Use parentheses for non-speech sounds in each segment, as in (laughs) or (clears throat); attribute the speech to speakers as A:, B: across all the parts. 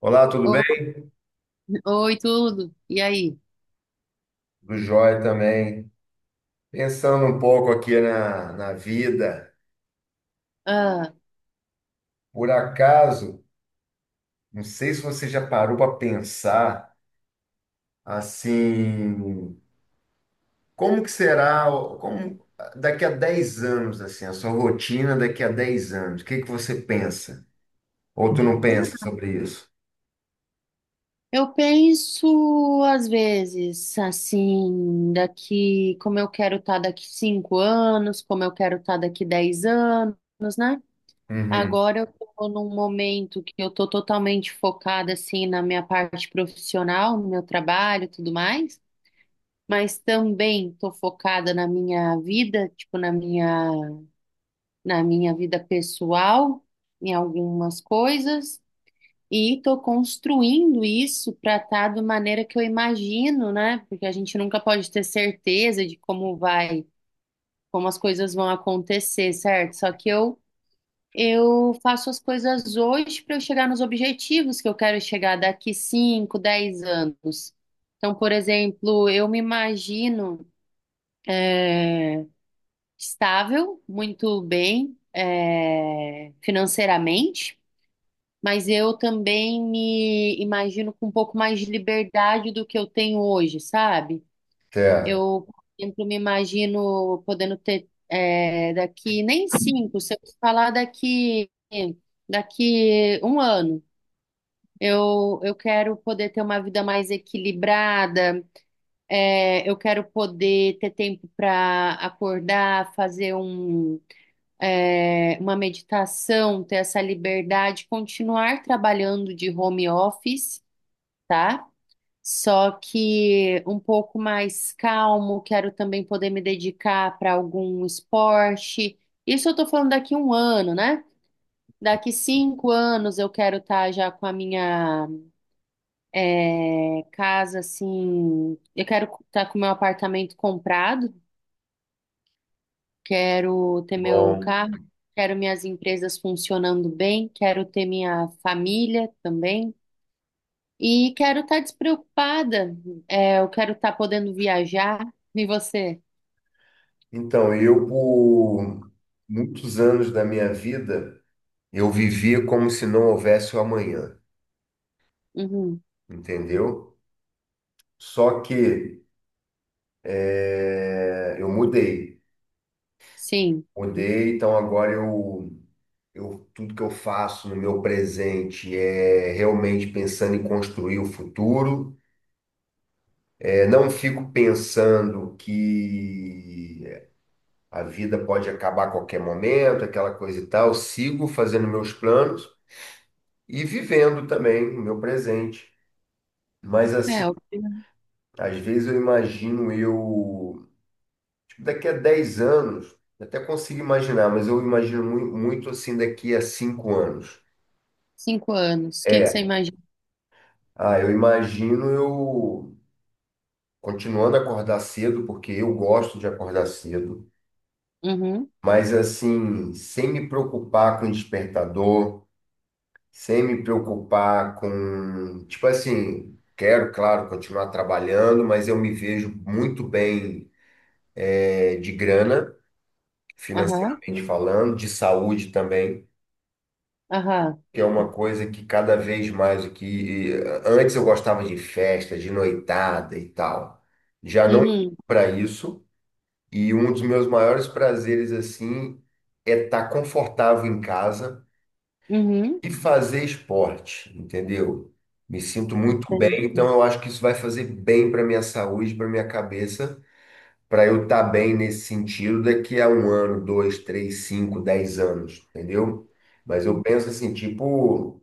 A: Olá, tudo bem?
B: O- Oi, tudo. E aí?
A: Tudo jóia também. Pensando um pouco aqui na vida,
B: Ah,
A: por acaso, não sei se você já parou para pensar assim, como que será, como daqui a 10 anos, assim, a sua rotina daqui a 10 anos, o que que você pensa? Ou tu não pensa sobre isso?
B: eu penso, às vezes, assim, daqui, como eu quero estar daqui 5 anos, como eu quero estar daqui 10 anos, né?
A: Uhum,
B: Agora eu estou num momento que eu estou totalmente focada, assim, na minha parte profissional, no meu trabalho e tudo mais, mas também estou focada na minha vida, tipo, na minha vida pessoal, em algumas coisas. E estou construindo isso para estar da maneira que eu imagino, né? Porque a gente nunca pode ter certeza de como as coisas vão acontecer, certo? Só que eu faço as coisas hoje para eu chegar nos objetivos que eu quero chegar daqui 5, 10 anos. Então, por exemplo, eu me imagino estável, muito bem, financeiramente. Mas eu também me imagino com um pouco mais de liberdade do que eu tenho hoje, sabe?
A: certo.
B: Eu, por exemplo, me imagino podendo ter daqui nem cinco, se eu te falar daqui um ano, eu quero poder ter uma vida mais equilibrada, eu quero poder ter tempo para acordar, fazer uma meditação, ter essa liberdade, continuar trabalhando de home office, tá? Só que um pouco mais calmo, quero também poder me dedicar para algum esporte. Isso eu tô falando daqui um ano, né? Daqui cinco anos eu quero estar já com a minha casa, assim. Eu quero estar com o meu apartamento comprado, quero ter meu
A: Bom,
B: carro, quero minhas empresas funcionando bem, quero ter minha família também. E quero estar despreocupada. É, eu quero estar podendo viajar. E você?
A: então, eu por muitos anos da minha vida, eu vivia como se não houvesse o amanhã,
B: Uhum.
A: entendeu? Só que eu mudei.
B: Sim.
A: Mudei, então eu tudo que eu faço no meu presente é realmente pensando em construir o futuro. É, não fico pensando que a vida pode acabar a qualquer momento, aquela coisa e tal. Sigo fazendo meus planos e vivendo também o meu presente. Mas assim,
B: É, eu tenho
A: às vezes eu imagino eu daqui a 10 anos, até consigo imaginar, mas eu imagino muito, assim daqui a 5 anos.
B: 5 anos. O que que você
A: É,
B: imagina?
A: ah, eu imagino eu continuando a acordar cedo, porque eu gosto de acordar cedo,
B: Uhum.
A: mas assim, sem me preocupar com despertador, sem me preocupar com, tipo assim, quero, claro, continuar trabalhando, mas eu me vejo muito bem, é, de grana,
B: Aham.
A: financeiramente falando, de saúde também.
B: Aham.
A: Que é uma coisa que cada vez mais o que antes eu gostava de festa, de noitada e tal. Já não
B: Uhum.
A: para isso, e um dos meus maiores prazeres assim é estar confortável em casa
B: Uhum.
A: e fazer esporte, entendeu? Me sinto muito bem,
B: Entendi.
A: então eu acho que isso vai fazer bem para minha saúde, para minha cabeça, para eu estar bem nesse sentido daqui a um ano, dois, três, cinco, dez anos, entendeu? Mas eu penso assim, tipo,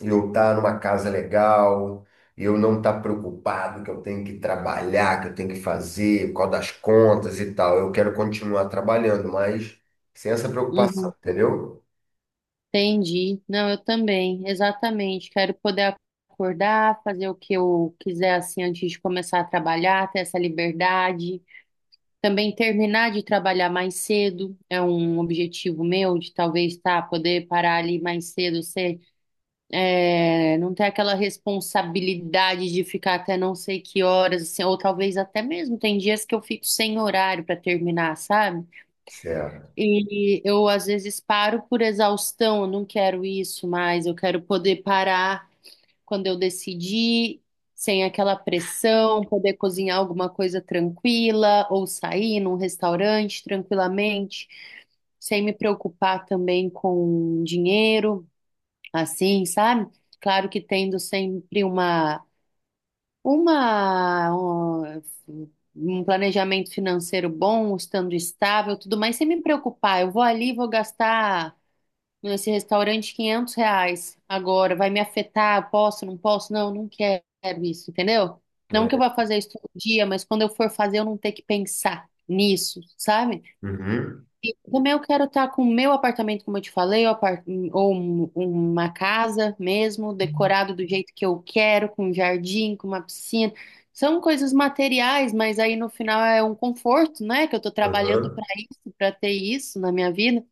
A: eu estar numa casa legal, eu não estar preocupado que eu tenho que trabalhar, que eu tenho que fazer, por causa das contas e tal. Eu quero continuar trabalhando, mas sem essa preocupação,
B: Uhum.
A: entendeu?
B: Entendi. Não, eu também. Exatamente. Quero poder acordar, fazer o que eu quiser assim antes de começar a trabalhar, ter essa liberdade. Também terminar de trabalhar mais cedo é um objetivo meu, de talvez tá, poder parar ali mais cedo, não ter aquela responsabilidade de ficar até não sei que horas, assim, ou talvez até mesmo tem dias que eu fico sem horário para terminar, sabe?
A: Certo.
B: E eu às vezes paro por exaustão, eu não quero isso mais, eu quero poder parar quando eu decidi, sem aquela pressão, poder cozinhar alguma coisa tranquila ou sair num restaurante tranquilamente, sem me preocupar também com dinheiro, assim, sabe? Claro que tendo sempre uma um um planejamento financeiro bom, estando estável, tudo mais, sem me preocupar, eu vou ali, vou gastar esse restaurante, R$ 500. Agora, vai me afetar? Posso? Não, não quero isso, entendeu? Não que eu
A: É.
B: vá fazer isso todo dia, mas quando eu for fazer, eu não ter que pensar nisso, sabe?
A: Uhum.
B: E também eu quero estar com o meu apartamento, como eu te falei, ou uma casa mesmo, decorado do jeito que eu quero, com um jardim, com uma piscina. São coisas materiais, mas aí no final é um conforto, né? Que eu tô trabalhando para
A: Uhum.
B: isso, para ter isso na minha vida.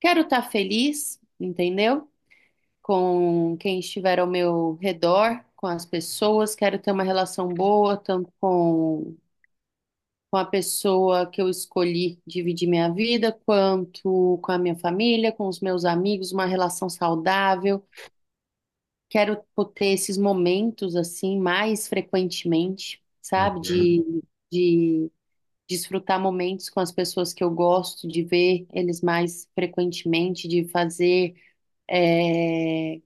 B: Quero estar feliz, entendeu? Com quem estiver ao meu redor, com as pessoas, quero ter uma relação boa, tanto com a pessoa que eu escolhi dividir minha vida, quanto com a minha família, com os meus amigos, uma relação saudável. Quero ter esses momentos assim mais frequentemente, sabe?
A: Uhum.
B: De desfrutar momentos com as pessoas que eu gosto, de ver eles mais frequentemente, de fazer eh,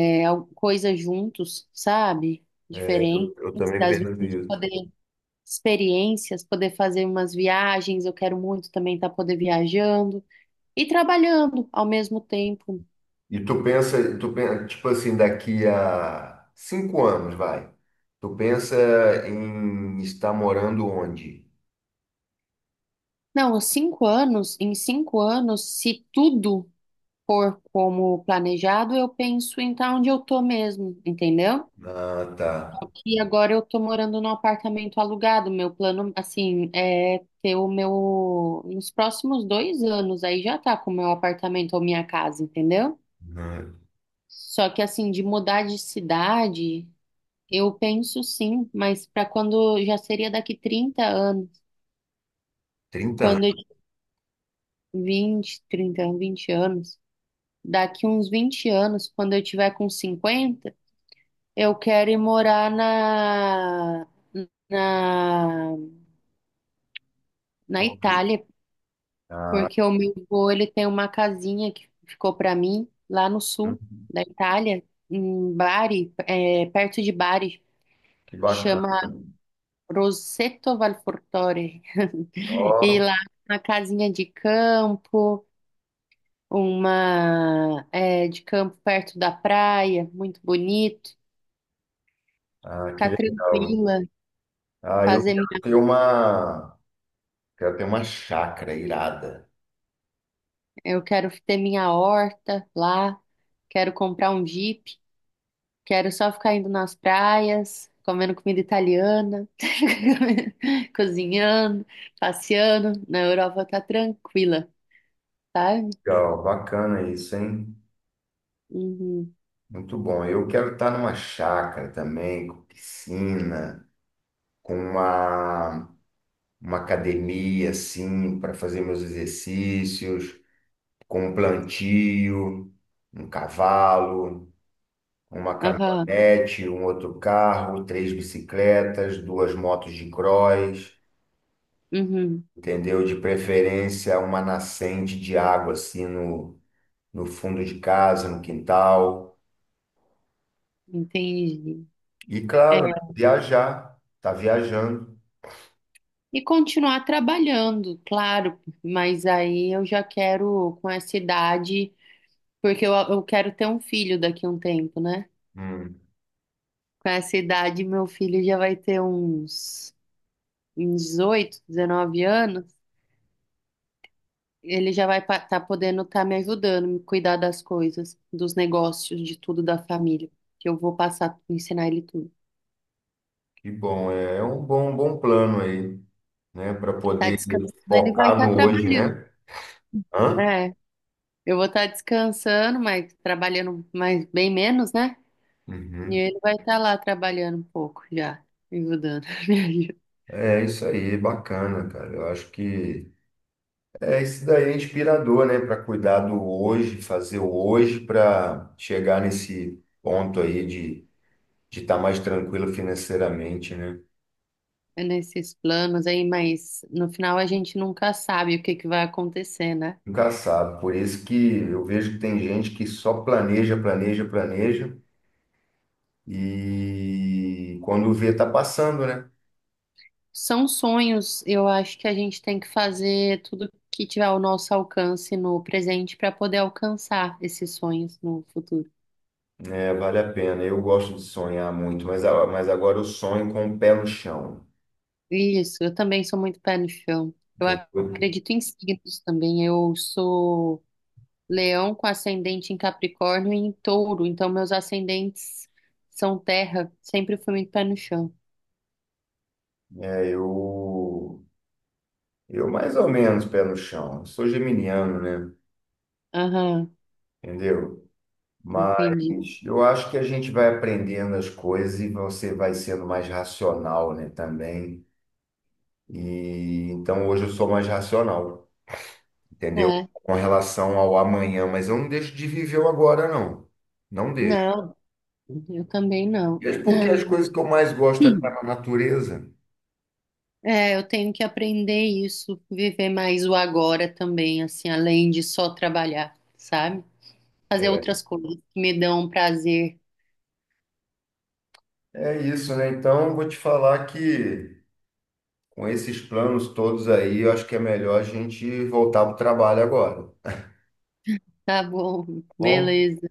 B: coisas juntos, sabe?
A: É,
B: Diferentes,
A: eu também
B: às vezes
A: percebo
B: de
A: isso.
B: poder experiências, poder fazer umas viagens, eu quero muito também estar poder viajando e trabalhando ao mesmo tempo.
A: E tu pensa, tipo assim, daqui a cinco anos, vai. Tu pensa em estar morando onde?
B: Não, os 5 anos, em 5 anos, se tudo for como planejado, eu penso em estar onde eu tô mesmo, entendeu?
A: Ah, tá.
B: E agora eu tô morando num apartamento alugado. Meu plano, assim, é ter o meu. Nos próximos 2 anos aí já tá com o meu apartamento ou minha casa, entendeu?
A: Ah,
B: Só que, assim, de mudar de cidade, eu penso sim, mas pra quando. Já seria daqui 30 anos.
A: 30
B: Quando eu.
A: anos.
B: Vinte, trinta 30, 20 anos. Daqui uns 20 anos, quando eu tiver com 50, eu quero ir morar Na, na Itália,
A: Ah,
B: porque o meu avô, ele tem uma casinha que ficou para mim lá no sul
A: uhum,
B: da Itália, em Bari, perto de Bari,
A: que
B: chama
A: bacana.
B: Roseto Valfortore. E
A: Ó,
B: lá uma casinha de campo, de campo perto da praia, muito bonito,
A: ah, que
B: ficar
A: legal.
B: tranquila,
A: Ah, eu
B: fazer minha,
A: quero ter uma chácara irada.
B: eu quero ter minha horta lá, quero comprar um Jeep. Quero só ficar indo nas praias, comendo comida italiana, (laughs) cozinhando, passeando. Na Europa tá tranquila, sabe?
A: Legal, bacana isso, hein?
B: Uhum.
A: Muito bom. Eu quero estar numa chácara também, com piscina, com uma academia assim para fazer meus exercícios, com um plantio, um cavalo, uma
B: Aham.
A: caminhonete, um outro carro, três bicicletas, duas motos de cross.
B: Uhum.
A: Entendeu? De preferência uma nascente de água assim no, no fundo de casa, no quintal.
B: Entendi.
A: E
B: É.
A: claro, né, viajar, tá viajando.
B: E continuar trabalhando, claro, mas aí eu já quero com essa idade, porque eu quero ter um filho daqui a um tempo, né?
A: Hum,
B: Com essa idade, meu filho já vai ter uns 18, 19 anos. Ele já vai estar tá podendo estar me ajudando, me cuidar das coisas, dos negócios, de tudo da família, que eu vou passar, ensinar ele tudo.
A: que bom, é, é um bom plano aí, né? Para
B: Tá
A: poder
B: descansando, ele vai
A: focar
B: estar
A: no hoje,
B: trabalhando.
A: né? Hã?
B: É, eu vou estar descansando, mas trabalhando mais, bem menos, né? E
A: Uhum.
B: ele vai estar lá trabalhando um pouco já, me ajudando, (laughs) me ajuda
A: É isso aí, bacana, cara. Eu acho que é isso daí é inspirador, né? Para cuidar do hoje, fazer o hoje para chegar nesse ponto aí de estar mais tranquilo financeiramente, né?
B: nesses planos aí, mas no final a gente nunca sabe o que que vai acontecer, né?
A: Nunca sabe. Por isso que eu vejo que tem gente que só planeja, planeja, planeja e quando vê tá passando, né?
B: São sonhos, eu acho que a gente tem que fazer tudo que tiver ao nosso alcance no presente para poder alcançar esses sonhos no futuro.
A: É, vale a pena. Eu gosto de sonhar muito, mas, mas agora eu sonho com o pé no chão,
B: Isso, eu também sou muito pé no chão. Eu
A: entendeu?
B: acredito em signos também. Eu sou leão com ascendente em Capricórnio e em touro, então meus ascendentes são terra. Sempre fui muito pé no chão.
A: É, eu mais ou menos pé no chão. Eu sou geminiano, né?
B: Aham,
A: Entendeu? Mas
B: entendi.
A: eu acho que a gente vai aprendendo as coisas e você vai sendo mais racional, né? Também. E então hoje eu sou mais racional. Entendeu?
B: É,
A: Com relação ao amanhã, mas eu não deixo de viver o agora, não. Não deixo.
B: não, eu também não.
A: Mesmo porque as coisas que eu mais gosto é estar na
B: (clears throat)
A: natureza.
B: É, eu tenho que aprender isso, viver mais o agora também, assim, além de só trabalhar, sabe? Fazer
A: É,
B: outras coisas que me dão prazer.
A: é isso, né? Então, eu vou te falar que com esses planos todos aí, eu acho que é melhor a gente voltar para o trabalho agora, tá
B: Tá bom,
A: bom?
B: beleza,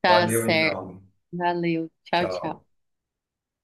B: tá
A: Valeu,
B: certo.
A: então.
B: Valeu, tchau,
A: Tchau.
B: tchau.